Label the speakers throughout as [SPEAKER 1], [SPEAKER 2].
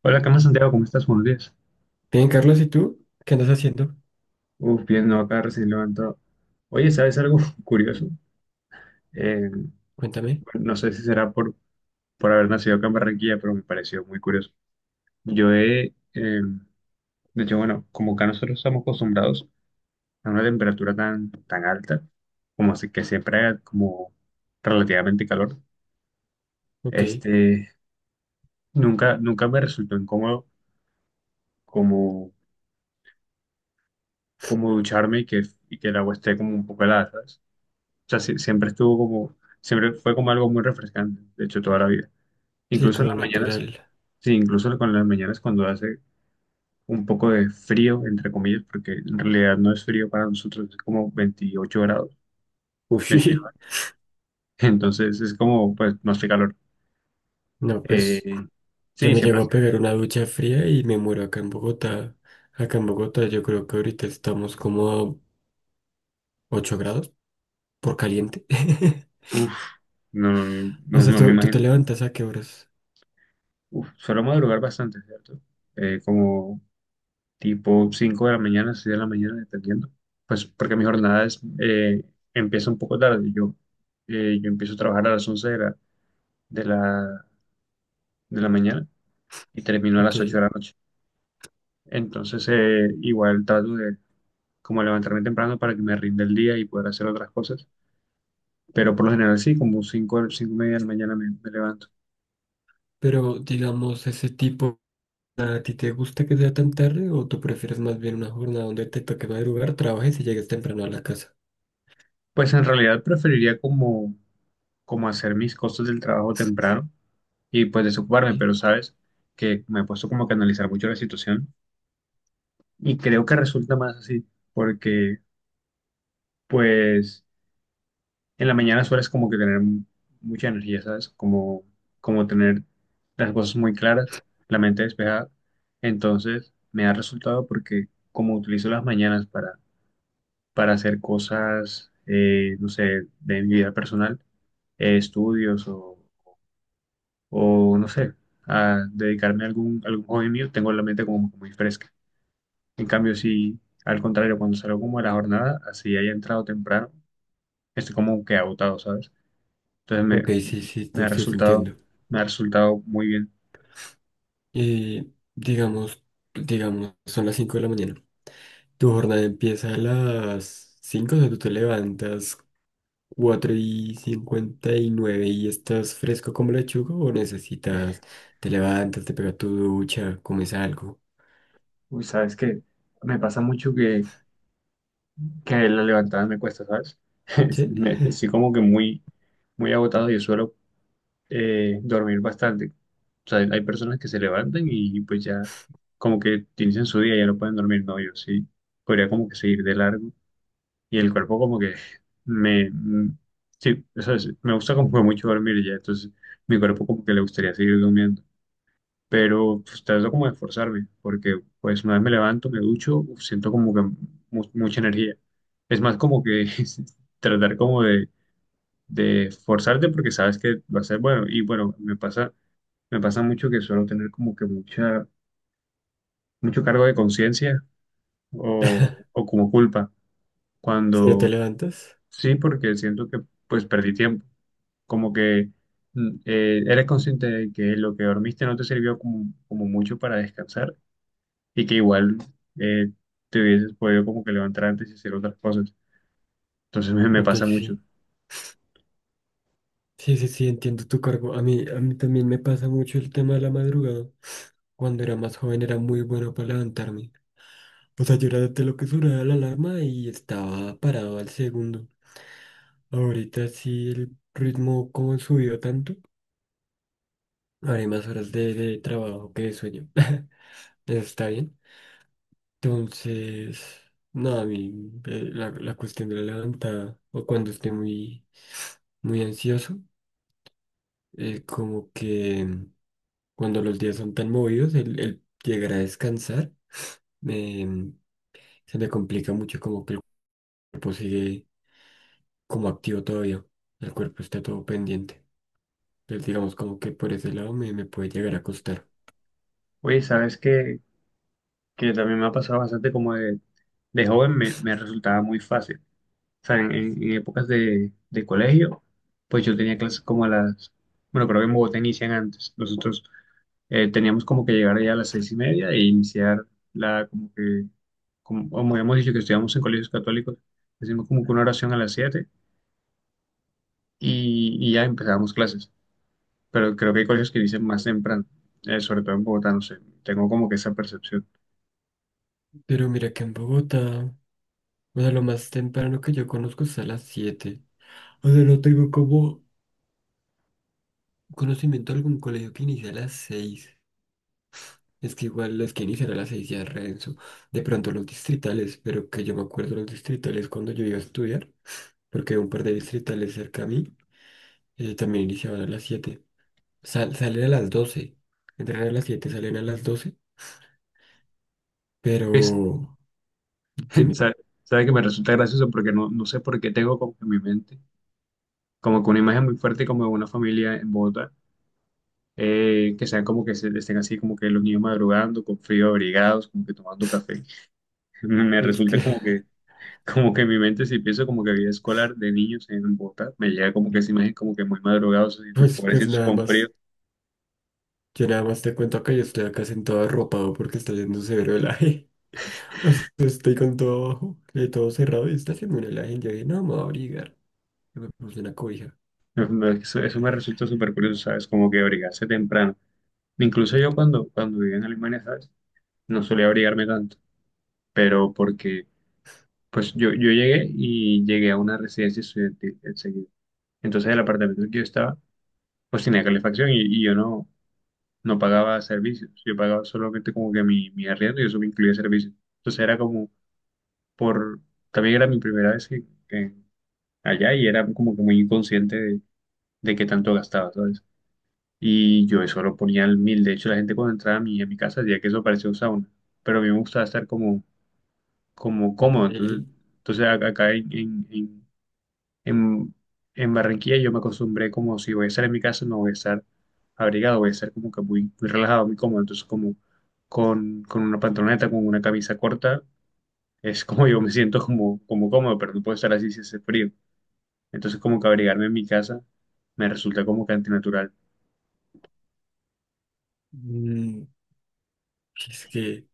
[SPEAKER 1] Hola, ¿qué más, Santiago? ¿Cómo estás? Buenos días.
[SPEAKER 2] Bien, Carlos, ¿y tú? ¿Qué andas haciendo?
[SPEAKER 1] Uf, bien, no, acá recién levantado. Oye, ¿sabes algo curioso? Eh, bueno,
[SPEAKER 2] Cuéntame.
[SPEAKER 1] no sé si será por haber nacido acá en Barranquilla, pero me pareció muy curioso. Yo he, eh, de hecho, bueno, como acá nosotros estamos acostumbrados a una temperatura tan alta, como así que siempre haga como relativamente calor,
[SPEAKER 2] Ok,
[SPEAKER 1] este, nunca me resultó incómodo como, como ducharme y que el agua esté como un poco helada, ¿sabes? O sea, siempre estuvo siempre fue como algo muy refrescante, de hecho, toda la vida.
[SPEAKER 2] sí,
[SPEAKER 1] Incluso en
[SPEAKER 2] como
[SPEAKER 1] las mañanas,
[SPEAKER 2] natural.
[SPEAKER 1] sí, incluso con las mañanas cuando hace un poco de frío, entre comillas, porque en realidad no es frío para nosotros, es como 28 grados,
[SPEAKER 2] Uy,
[SPEAKER 1] 29. Entonces es como, pues, no hace calor.
[SPEAKER 2] no, pues
[SPEAKER 1] Eh,
[SPEAKER 2] yo
[SPEAKER 1] sí,
[SPEAKER 2] me
[SPEAKER 1] siempre
[SPEAKER 2] llego a pegar una ducha fría y me muero acá en Bogotá. Acá en Bogotá yo creo que ahorita estamos como a 8 grados por caliente.
[SPEAKER 1] uff, no, no,
[SPEAKER 2] O
[SPEAKER 1] no
[SPEAKER 2] sea,
[SPEAKER 1] no me
[SPEAKER 2] ¿tú te
[SPEAKER 1] imagino.
[SPEAKER 2] levantas a qué horas?
[SPEAKER 1] Uf, suelo madrugar bastante, ¿cierto? Como tipo 5 de la mañana, 6 de la mañana, dependiendo. Pues porque mi jornada empieza un poco tarde. Yo empiezo a trabajar a las 11 de la, de la, de la mañana y termino a
[SPEAKER 2] Ok,
[SPEAKER 1] las 8 de la noche. Entonces, igual trato de como levantarme temprano para que me rinda el día y poder hacer otras cosas. Pero por lo general sí, como 5 y media de la mañana me levanto.
[SPEAKER 2] pero digamos, ese tipo, ¿a ti te gusta que sea tan tarde o tú prefieres más bien una jornada donde te toque madrugar, trabajes y llegues temprano a la casa?
[SPEAKER 1] Pues en realidad preferiría como hacer mis cosas del trabajo temprano y pues desocuparme,
[SPEAKER 2] ¿Sí?
[SPEAKER 1] pero sabes que me he puesto como que a analizar mucho la situación. Y creo que resulta más así, porque pues en la mañana sueles como que tener mucha energía, ¿sabes? Como tener las cosas muy claras, la mente despejada. Entonces me ha resultado porque como utilizo las mañanas para hacer cosas, no sé, de mi vida personal, estudios, o no sé, a dedicarme a algún hobby mío, tengo la mente como muy fresca. En cambio, si al contrario, cuando salgo como a la jornada, así haya entrado temprano, estoy como que agotado, ¿sabes? Entonces
[SPEAKER 2] Ok, sí,
[SPEAKER 1] me,
[SPEAKER 2] sí,
[SPEAKER 1] Me
[SPEAKER 2] te,
[SPEAKER 1] ha
[SPEAKER 2] sí, te entiendo.
[SPEAKER 1] me ha resultado muy bien.
[SPEAKER 2] Y digamos, digamos, son las 5 de la mañana. Tu jornada empieza a las cinco, o sea, tú te levantas 4 y 59 y nueve y estás fresco como lechuga, o necesitas, te levantas, te pegas tu ducha, comes algo.
[SPEAKER 1] Uy, ¿sabes qué? Me pasa mucho que la levantada me cuesta, ¿sabes?
[SPEAKER 2] ¿Sí?
[SPEAKER 1] Estoy como que muy agotado y suelo dormir bastante. O sea, hay personas que se levantan y pues ya como que inician su día y ya no pueden dormir. No, yo sí podría como que seguir de largo y el cuerpo como que me... mm, sí, o sea, sí, me gusta como que mucho dormir ya, entonces mi cuerpo como que le gustaría seguir durmiendo. Pero pues trato como de esforzarme, porque pues una vez me levanto, me ducho, uf, siento como que mucha energía. Es más como que tratar como de esforzarte porque sabes que va a ser bueno. Y bueno, me pasa mucho que suelo tener como que mucho cargo de conciencia o, o como culpa,
[SPEAKER 2] Si no te
[SPEAKER 1] cuando
[SPEAKER 2] levantas,
[SPEAKER 1] sí, porque siento que pues perdí tiempo, como que eres consciente de que lo que dormiste no te sirvió como mucho para descansar y que igual eh, te hubieses podido como que levantar antes y hacer otras cosas. Entonces me
[SPEAKER 2] ok,
[SPEAKER 1] pasa mucho.
[SPEAKER 2] sí. Sí, sí, sí, entiendo tu cargo. A mí también me pasa mucho el tema de la madrugada. Cuando era más joven era muy bueno para levantarme. O sea, yo era de lo que sonaba la alarma y estaba parado al segundo. Ahorita sí el ritmo como subió tanto, haré más horas de trabajo que de sueño. Eso está bien. Entonces, no, a mí la cuestión de la levantada o cuando esté muy, muy ansioso, como que cuando los días son tan movidos, el llegar a descansar, em, se me complica mucho como que el cuerpo sigue como activo todavía. El cuerpo está todo pendiente. Entonces, digamos, como que por ese lado me puede llegar a costar.
[SPEAKER 1] Oye, ¿sabes qué? Que también me ha pasado bastante como de joven me resultaba muy fácil. O sea, en épocas de colegio, pues yo tenía clases como a las, bueno, creo que en Bogotá inician antes. Nosotros teníamos como que llegar ya a las seis y media e iniciar la, como que, como, como habíamos dicho que estudiamos en colegios católicos, hacíamos como que una oración a las siete y ya empezábamos clases. Pero creo que hay colegios que inician más temprano, sobre todo en Bogotá, no sé, tengo como que esa percepción.
[SPEAKER 2] Pero mira que en Bogotá, o sea, lo más temprano que yo conozco es a las siete. O sea, no tengo como conocimiento de algún colegio que inicie a las seis. Es que igual los que inician a las 6 ya es renzo. De pronto los distritales, pero que yo me acuerdo los distritales cuando yo iba a estudiar, porque un par de distritales cerca a mí también iniciaban a las siete. Salen a las doce. Entran a las siete, salen a las doce.
[SPEAKER 1] Pues,
[SPEAKER 2] Pero, dime,
[SPEAKER 1] ¿sabes que me resulta gracioso? Porque no, no sé por qué tengo como que en mi mente, como que una imagen muy fuerte como de una familia en Bogotá, que sean como que se, estén así como que los niños madrugando, con frío, abrigados, como que tomando café. Me
[SPEAKER 2] es
[SPEAKER 1] resulta
[SPEAKER 2] que,
[SPEAKER 1] como que en mi mente si pienso como que vida escolar de niños en Bogotá, me llega como que esa imagen como que muy madrugados, así, tú,
[SPEAKER 2] pues, pues
[SPEAKER 1] pobrecitos
[SPEAKER 2] nada
[SPEAKER 1] con frío.
[SPEAKER 2] más, yo nada más te cuento acá, yo estoy acá sentado arropado porque está haciendo severo helaje. O sea, estoy con todo abajo, todo cerrado y está haciendo un helaje. Y yo dije, no, me voy a abrigar. Y me puse una cobija.
[SPEAKER 1] Eso me resulta súper curioso, ¿sabes? Como que abrigarse temprano. Incluso yo cuando vivía en Alemania, ¿sabes? No solía abrigarme tanto, pero porque, pues yo llegué y llegué a una residencia estudiantil enseguida. Entonces el apartamento en el que yo estaba, pues tenía calefacción y yo no pagaba servicios, yo pagaba solamente como que mi arriendo y eso me incluía servicios. Entonces era como por, también era mi primera vez que allá y era como que muy inconsciente de qué tanto gastaba, ¿sabes? Y yo eso lo ponía al mil, de hecho la gente cuando entraba a a mi casa decía que eso parecía un sauna, pero a mí me gustaba estar como cómodo. Entonces,
[SPEAKER 2] Y,
[SPEAKER 1] entonces a- acá en- en Barranquilla yo me acostumbré como si voy a estar en mi casa, no voy a estar abrigado, voy a estar como que muy relajado, muy cómodo. Entonces como con una pantaloneta, con una camisa corta, es como yo me siento como cómodo, pero no puedo estar así si hace frío. Entonces como que abrigarme en mi casa me resulta como que antinatural.
[SPEAKER 2] mm, es que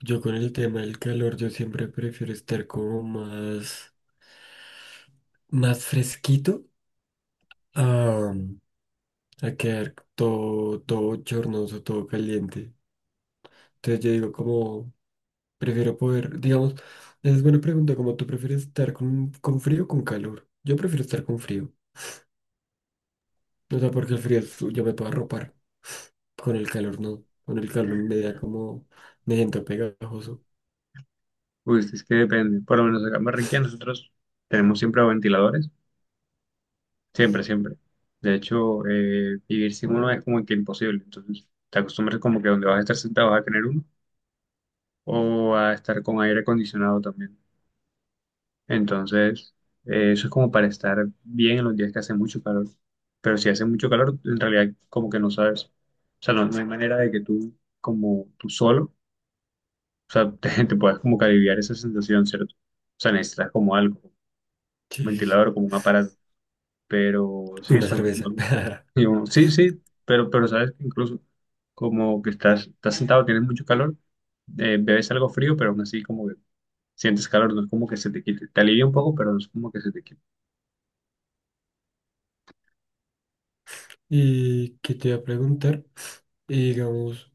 [SPEAKER 2] yo con el tema del calor, yo siempre prefiero estar como más, más fresquito a, a quedar todo, todo chornoso, todo caliente. Entonces yo digo como, prefiero poder, digamos, esa es buena pregunta, como tú prefieres estar con frío o con calor. Yo prefiero estar con frío. O sea, porque el frío es, yo me puedo arropar. Con el calor no. Con el calor me da como, me siento pegajoso.
[SPEAKER 1] Uy, es que depende. Por lo menos acá en Barranquilla nosotros tenemos siempre ventiladores. Siempre, siempre. De hecho, vivir sin uno es como que imposible. Entonces, te acostumbras como que donde vas a estar sentado vas a tener uno o a estar con aire acondicionado también. Entonces, eso es como para estar bien en los días que hace mucho calor. Pero si hace mucho calor, en realidad como que no sabes. O sea, no, no hay manera de que tú, como tú solo, o sea, te puedas como que aliviar esa sensación, ¿cierto? O sea, necesitas como algo, un
[SPEAKER 2] Sí, sí, sí.
[SPEAKER 1] ventilador, como un aparato. Pero sí,
[SPEAKER 2] Una
[SPEAKER 1] se lo-
[SPEAKER 2] cerveza.
[SPEAKER 1] no- y uno, sí, sí, pero sabes que incluso como que estás sentado, tienes mucho calor, bebes algo frío, pero aún así como que sientes calor, no es como que se te quite, te alivia un poco, pero no es como que se te quite.
[SPEAKER 2] Y que te iba a preguntar, y digamos,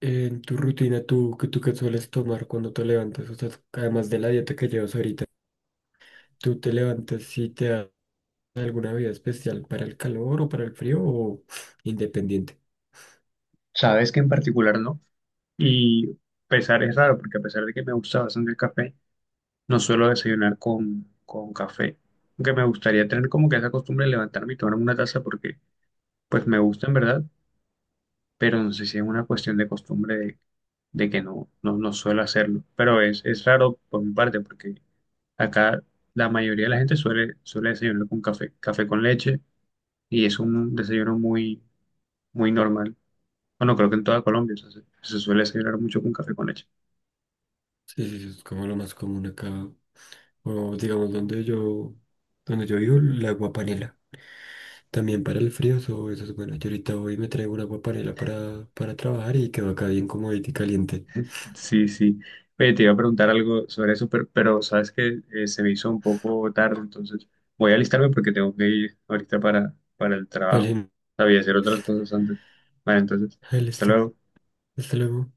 [SPEAKER 2] en tu rutina, tú, que tú qué sueles tomar cuando te levantas, o sea, además de la dieta que llevas ahorita, tú te levantas y te alguna vida especial para el calor o para el frío o independiente?
[SPEAKER 1] Sabes que en particular no, y pesar es raro, porque a pesar de que me gusta bastante el café, no suelo desayunar con café, aunque me gustaría tener como que esa costumbre de levantarme y tomar una taza porque pues me gusta en verdad, pero no sé si es una cuestión de costumbre de que no suelo hacerlo. Pero es raro por mi parte, porque acá la mayoría de la gente suele desayunar con café, café con leche, y es un desayuno muy normal. Bueno, creo que en toda Colombia o sea, se suele desayunar mucho con café con leche.
[SPEAKER 2] Sí, sí, sí, es como lo más común acá. O digamos, donde yo vivo, el agua panela. También para el frío, eso es bueno. Yo ahorita hoy me traigo un agua panela para trabajar y quedó acá bien comodita y caliente.
[SPEAKER 1] Sí, sí. Oye, te iba a preguntar algo sobre eso, pero sabes que se me hizo un poco tarde, entonces voy a alistarme porque tengo que ir ahorita para el trabajo.
[SPEAKER 2] Vale,
[SPEAKER 1] Sabía hacer otras cosas antes. Vale, entonces,
[SPEAKER 2] ahí
[SPEAKER 1] hasta
[SPEAKER 2] listo.
[SPEAKER 1] luego.
[SPEAKER 2] Hasta luego.